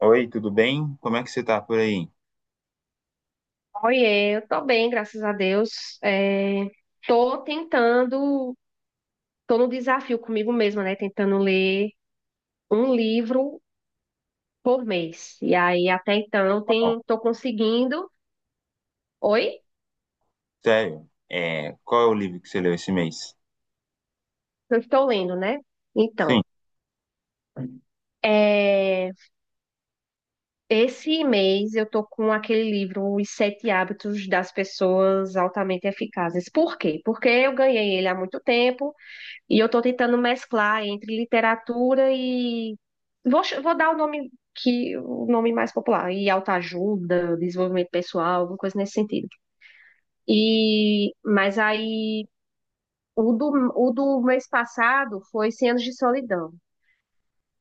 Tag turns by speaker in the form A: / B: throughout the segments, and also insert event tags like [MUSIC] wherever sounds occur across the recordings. A: Oi, tudo bem? Como é que você tá por aí?
B: Oiê, eu tô bem, graças a Deus. É, tô tentando, tô no desafio comigo mesma, né? Tentando ler um livro por mês. E aí, até então,
A: Ó,
B: tô conseguindo. Oi?
A: sério, qual é o livro que você leu esse mês?
B: Eu estou lendo, né? Então,
A: Sim,
B: é, esse mês eu tô com aquele livro, Os Sete Hábitos das Pessoas Altamente Eficazes. Por quê? Porque eu ganhei ele há muito tempo. E eu estou tentando mesclar entre literatura e. Vou dar o nome que o nome mais popular, e autoajuda, desenvolvimento pessoal, alguma coisa nesse sentido. E mas aí o do, o do mês passado foi Cem Anos de Solidão.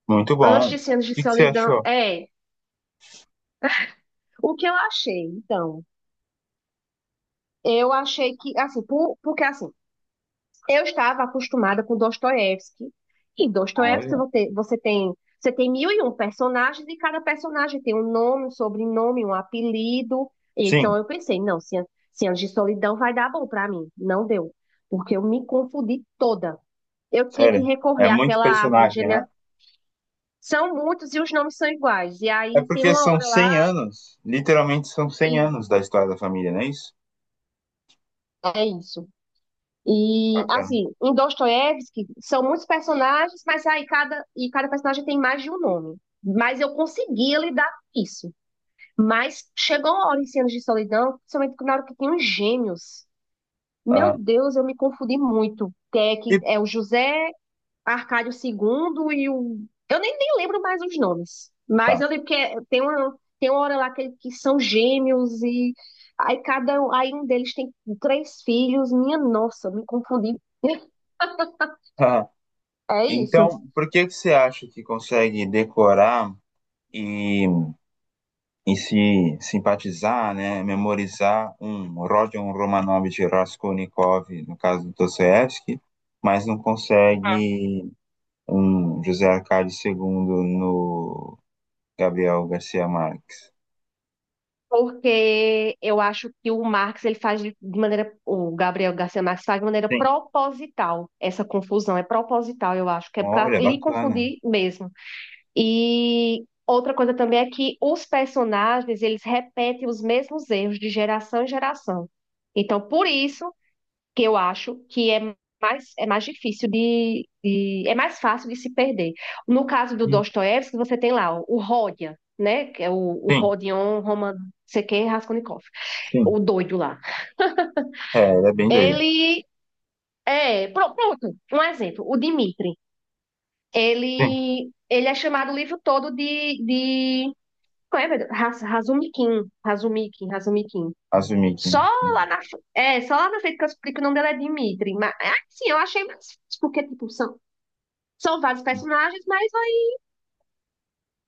A: muito
B: Antes
A: bom. O
B: de Cem Anos de
A: que que você
B: Solidão,
A: achou?
B: é o que eu achei. Então, eu achei que assim, porque assim, eu estava acostumada com Dostoiévski. E Dostoiévski
A: Olha,
B: você tem mil e um personagens e cada personagem tem um nome, um sobrenome, um apelido. Então
A: sim,
B: eu pensei, não, Cem Anos de Solidão vai dar bom para mim. Não deu, porque eu me confundi toda. Eu tinha que
A: sério,
B: recorrer
A: é muito
B: àquela árvore,
A: personagem, né?
B: gene- São muitos e os nomes são iguais. E
A: É
B: aí tem
A: porque
B: uma
A: são
B: hora
A: 100
B: lá
A: anos, literalmente são 100
B: e
A: anos da história da família, não é isso?
B: é isso. E
A: Bacana.
B: assim, em Dostoiévski são muitos personagens, mas aí cada personagem tem mais de um nome. Mas eu conseguia lidar com isso. Mas chegou uma hora em Cenas de Solidão, principalmente na hora que tem os gêmeos. Meu
A: Aham.
B: Deus, eu me confundi muito. É, que
A: E
B: é o José Arcádio II e o. Eu nem lembro mais os nomes. Mas
A: tá.
B: eu lembro que tem uma hora lá que são gêmeos e aí aí um deles tem três filhos. Minha nossa, eu me confundi.
A: Aham.
B: É isso.
A: Então, por que que você acha que consegue decorar e em se simpatizar, né, memorizar um Rodion Romanov de Raskolnikov, no caso do Dostoiévski, mas não consegue um José Arcade II no Gabriel Garcia Marques?
B: Porque eu acho que o Marx ele faz de maneira, o Gabriel Garcia Marques faz de maneira
A: Sim.
B: proposital essa confusão, é proposital, eu acho, que é para
A: Olha,
B: lhe
A: bacana.
B: confundir mesmo. E outra coisa também é que os personagens, eles repetem os mesmos erros de geração em geração. Então, por isso que eu acho que é mais difícil de- é mais fácil de se perder. No caso do
A: Uhum.
B: Dostoiévski, você tem lá o Rodia, né? Que é o
A: Sim,
B: Rodion Roman, não sei quem, Raskolnikov,
A: sim.
B: o doido lá.
A: É, ele é bem doido.
B: Ele é, pronto, um exemplo, o Dmitri.
A: Sim.
B: Ele é chamado o livro todo de como é, meu Deus? Razumikin, Razumikin, Razumikin.
A: Azumikin.
B: Só só lá na frente que eu explico o nome dela é Dimitri. Mas, assim, eu achei mais fácil, porque, tipo, são vários personagens, mas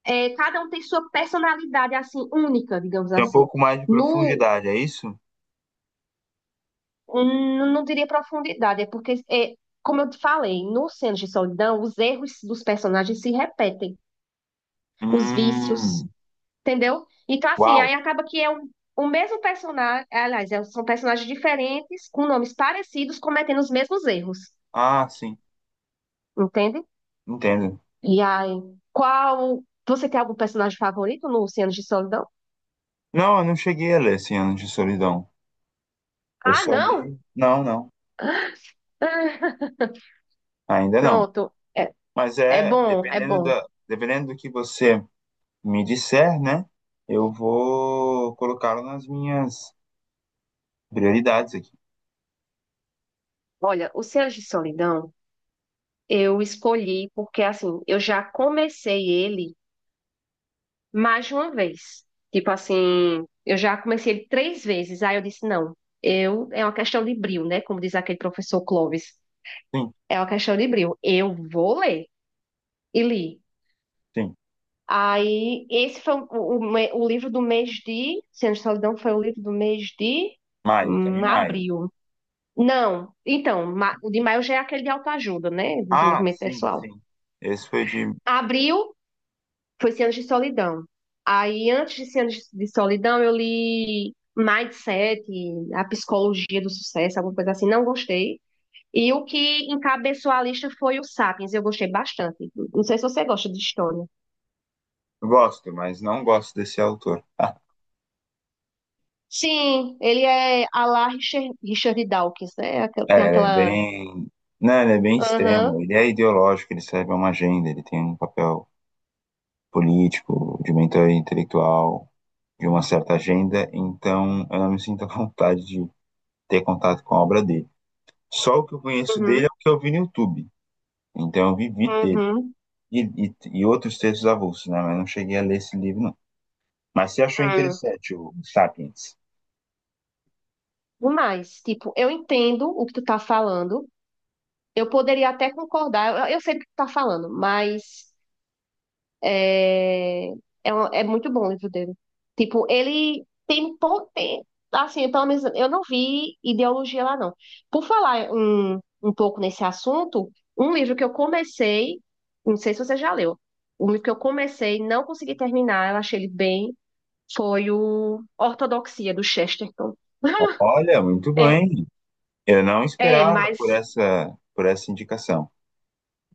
B: cada um tem sua personalidade, assim, única, digamos
A: Tem um
B: assim.
A: pouco mais de
B: No,
A: profundidade, é isso?
B: não diria profundidade, é porque, como eu te falei, no Cenas de Solidão, os erros dos personagens se repetem, os vícios,
A: Hum,
B: entendeu? Então, assim, aí
A: uau.
B: acaba que é o mesmo personagem, aliás, são personagens diferentes, com nomes parecidos, cometendo os mesmos erros,
A: Ah, sim,
B: entende?
A: entendo.
B: E aí, qual... você tem algum personagem favorito no Cenas de Solidão?
A: Não, eu não cheguei a ler Cem Anos de Solidão. Eu
B: Ah,
A: só
B: não!
A: li. Não, não,
B: [LAUGHS]
A: ainda não.
B: Pronto,
A: Mas
B: é
A: é,
B: bom, é bom.
A: dependendo do que você me disser, né? Eu vou colocá-lo nas minhas prioridades aqui.
B: Olha, o Céus de Solidão eu escolhi porque, assim, eu já comecei ele mais de uma vez. Tipo assim, eu já comecei ele três vezes. Aí eu disse, não, é uma questão de brio, né? Como diz aquele professor Clóvis.
A: Sim,
B: É uma questão de brio. Eu vou ler. E li.
A: sim.
B: Aí, esse foi o livro do mês de... Céus de Solidão foi o livro do mês de
A: Maia, Cami Maia.
B: abril. Não, então, o de maio já é aquele de autoajuda, né?
A: Ah,
B: Desenvolvimento
A: sim,
B: pessoal.
A: sim. Esse foi de.
B: Abril foi 100 Anos de Solidão. Aí, antes de 100 Anos de Solidão, eu li Mindset, A Psicologia do Sucesso, alguma coisa assim, não gostei. E o que encabeçou a lista foi o Sapiens, eu gostei bastante. Não sei se você gosta de história.
A: Gosto, mas não gosto desse autor.
B: Sim, ele é a lá Richard, Richard Dawkins, né?
A: É,
B: Tem
A: ele é
B: aquela.
A: bem. Não, ele é bem extremo.
B: Aham,
A: Ele é ideológico, ele serve a uma agenda, ele tem um papel político, de mentor intelectual, de uma certa agenda, então eu não me sinto à vontade de ter contato com a obra dele. Só o que eu conheço dele
B: uhum,
A: é o que eu vi no YouTube. Então eu vivi dele.
B: uhum,
A: E, e outros textos avulsos, né? Mas não cheguei a ler esse livro, não. Mas você achou
B: uhum.
A: interessante o Sapiens?
B: Demais. Tipo, eu entendo o que tu tá falando. Eu poderia até concordar. Eu sei do que tu tá falando, mas é, é muito bom o livro dele. Tipo, ele tem assim, pelo menos eu não vi ideologia lá, não. Por falar um pouco nesse assunto, um livro que eu comecei, não sei se você já leu, um livro que eu comecei, não consegui terminar, eu achei ele bem, foi o Ortodoxia, do Chesterton. [LAUGHS]
A: Olha, muito
B: É,
A: bem. Eu não
B: é,
A: esperava por
B: mas.
A: essa, indicação.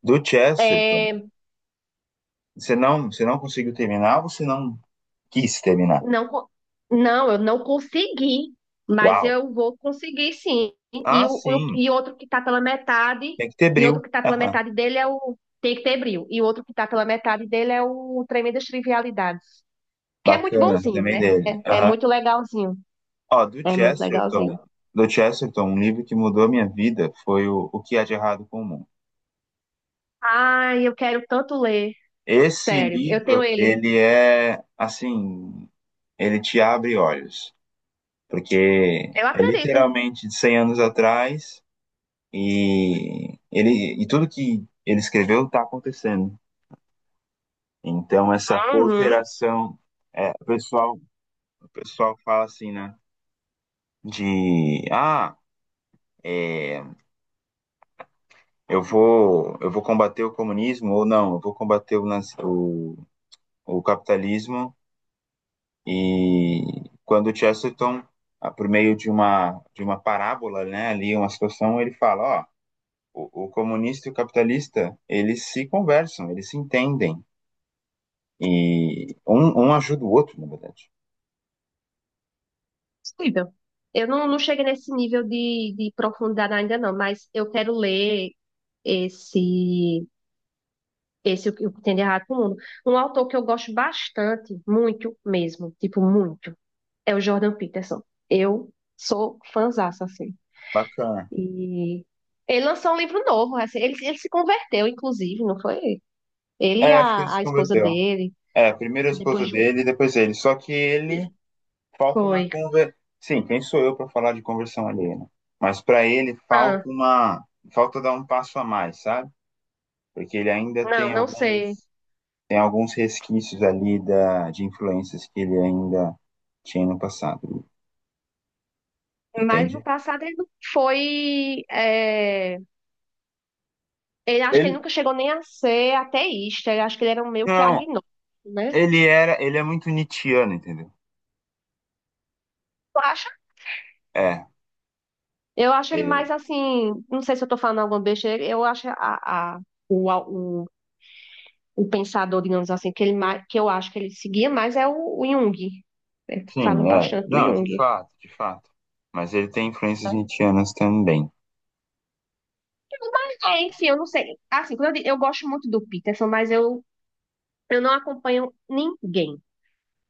A: Do Chesterton,
B: é,
A: você não conseguiu terminar ou você não quis terminar?
B: Não, não, eu não consegui, mas
A: Uau!
B: eu vou conseguir sim. E,
A: Ah,
B: o, o-
A: sim, tem que ter bril.
B: outro que está
A: [LAUGHS]
B: pela
A: Aham.
B: metade dele é o Tem que ter brilho. E o outro que está pela metade dele é o Tremendas Trivialidades, que é muito
A: Bacana,
B: bonzinho,
A: também
B: né?
A: dele.
B: É é
A: Aham.
B: muito legalzinho.
A: Ó, do
B: É muito legalzinho.
A: Chesterton, um livro que mudou a minha vida foi o que há de errado com o mundo.
B: Ai, eu quero tanto ler.
A: Esse
B: Sério, eu tenho
A: livro,
B: ele.
A: ele é assim, ele te abre olhos, porque
B: Eu
A: é
B: acredito.
A: literalmente de 100 anos atrás e ele e tudo que ele escreveu está acontecendo. Então essa
B: Uhum.
A: cooperação, o pessoal, fala assim, né? De ah, é, eu vou combater o comunismo ou não, eu vou combater o capitalismo. E quando o Chesterton, ah, por meio de uma parábola, né, ali, uma situação, ele fala, ó, o comunista e o capitalista, eles se conversam, eles se entendem. E um ajuda o outro, na verdade.
B: Possível. Eu não cheguei nesse nível de profundidade ainda não, mas eu quero ler esse. Esse é o que tem de errado com o mundo. Um autor que eu gosto bastante, muito mesmo, tipo, muito, é o Jordan Peterson. Eu sou fãzaça, assim.
A: Bacana.
B: E ele lançou um livro novo, assim, ele se converteu, inclusive, não foi? Ele e
A: É, acho que ele
B: a,
A: se
B: a esposa
A: converteu.
B: dele,
A: É, primeiro a
B: depois
A: esposa
B: de um
A: dele, depois ele. Só que ele
B: filho.
A: falta uma
B: Foi.
A: conver... Sim, quem sou eu para falar de conversão alheia, né? Mas para ele
B: Ah,
A: falta dar um passo a mais, sabe? Porque ele ainda tem
B: não, não sei.
A: alguns resquícios ali da de influências que ele ainda tinha no passado,
B: Mas no
A: entende?
B: passado ele não foi. Ele acho que ele
A: Ele
B: nunca chegou nem a ser ateísta. Eu acho que ele era um meio que
A: não,
B: agnóstico, né?
A: ele é muito nietzschiano, entendeu?
B: Eu acho
A: É,
B: Eu acho ele
A: ele-
B: mais assim, não sei se eu tô falando alguma besteira, eu acho o, a- o, o pensador, digamos assim, que eu acho que ele seguia mais é o Jung. Falo
A: sim, é.
B: bastante do
A: Não, de
B: Jung,
A: fato, de fato. Mas ele tem influências
B: né?
A: nietzschianas também.
B: É, enfim, eu não sei. Assim, eu gosto muito do Peterson, mas eu não acompanho ninguém.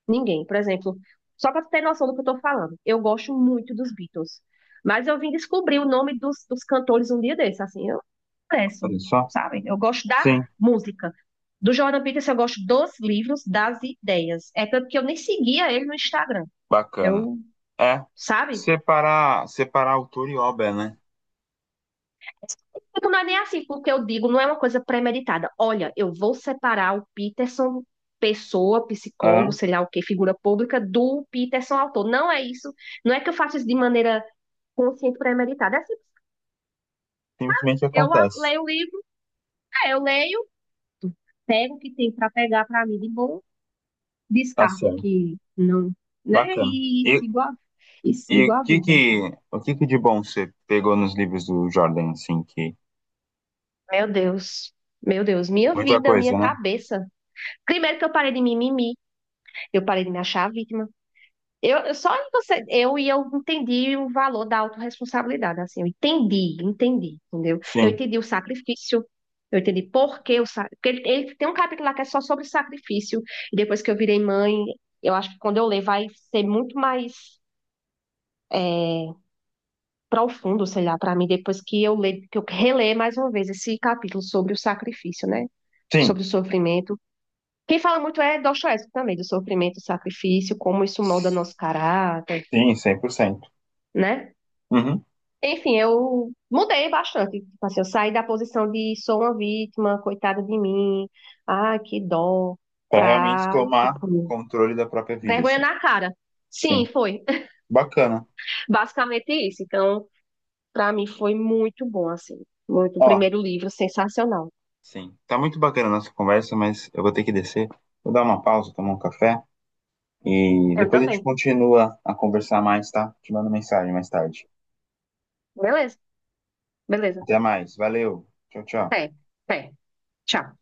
B: Ninguém. Por exemplo, só para tu ter noção do que eu tô falando, eu gosto muito dos Beatles. Mas eu vim descobrir o nome dos cantores um dia desses, assim. Sucesso,
A: Olha só.
B: sabe? Eu gosto da
A: Sim,
B: música. Do Jordan Peterson eu gosto dos livros, das ideias. É tanto que eu nem seguia ele no Instagram.
A: bacana.
B: Eu,
A: É,
B: sabe?
A: separar, autor e obra, né?
B: Tipo, não é nem assim, porque eu digo, não é uma coisa premeditada. Olha, eu vou separar o Peterson, pessoa, psicólogo,
A: Aham,
B: sei lá o que, figura pública, do Peterson, autor. Não é isso. Não é que eu faço isso de maneira consciente, premeditada. É assim,
A: simplesmente
B: eu
A: acontece.
B: leio o livro, é, eu leio, pego o que tem para pegar para mim de bom
A: Tá
B: descarto
A: certo.
B: que não, né?
A: Bacana.
B: E,
A: E,
B: sigo a, e
A: e
B: sigo
A: o
B: a
A: que que,
B: vida.
A: de bom você pegou nos livros do Jordan, assim, que...
B: Meu Deus. Meu Deus, minha
A: Muita
B: vida, minha
A: coisa, né?
B: cabeça. Primeiro que eu parei de mimimi, eu parei de me achar vítima. Eu só em você, eu entendi o valor da autorresponsabilidade, assim, eu entendi, entendi, entendeu? Eu
A: Sim.
B: entendi o sacrifício, eu entendi por que o sacrifício. Ele tem um capítulo lá que é só sobre sacrifício, e depois que eu virei mãe, eu acho que quando eu ler vai ser muito mais é, profundo, sei lá, para mim, depois que eu leio, que eu releio mais uma vez esse capítulo sobre o sacrifício, né?
A: Sim.
B: Sobre o sofrimento. Quem fala muito é Dostoiévski também, do sofrimento, sacrifício, como isso molda nosso caráter,
A: Sim, 100%.
B: né?
A: Uhum.
B: Enfim, eu mudei bastante. Tipo assim, eu saí da posição de sou uma vítima, coitada de mim, ah, que dó,
A: Para realmente
B: pra,
A: tomar
B: tipo,
A: controle da própria vida,
B: vergonha
A: assim.
B: na cara. Sim,
A: Sim.
B: foi
A: Bacana.
B: [LAUGHS] basicamente isso. Então, para mim foi muito bom, assim. Muito, o
A: Ó,
B: primeiro livro, sensacional.
A: sim. Tá muito bacana a nossa conversa, mas eu vou ter que descer. Vou dar uma pausa, tomar um café. E
B: Eu
A: depois a gente
B: também.
A: continua a conversar mais, tá? Te mando mensagem mais tarde.
B: Beleza, beleza.
A: Até mais. Valeu. Tchau, tchau.
B: Até, até. Tchau.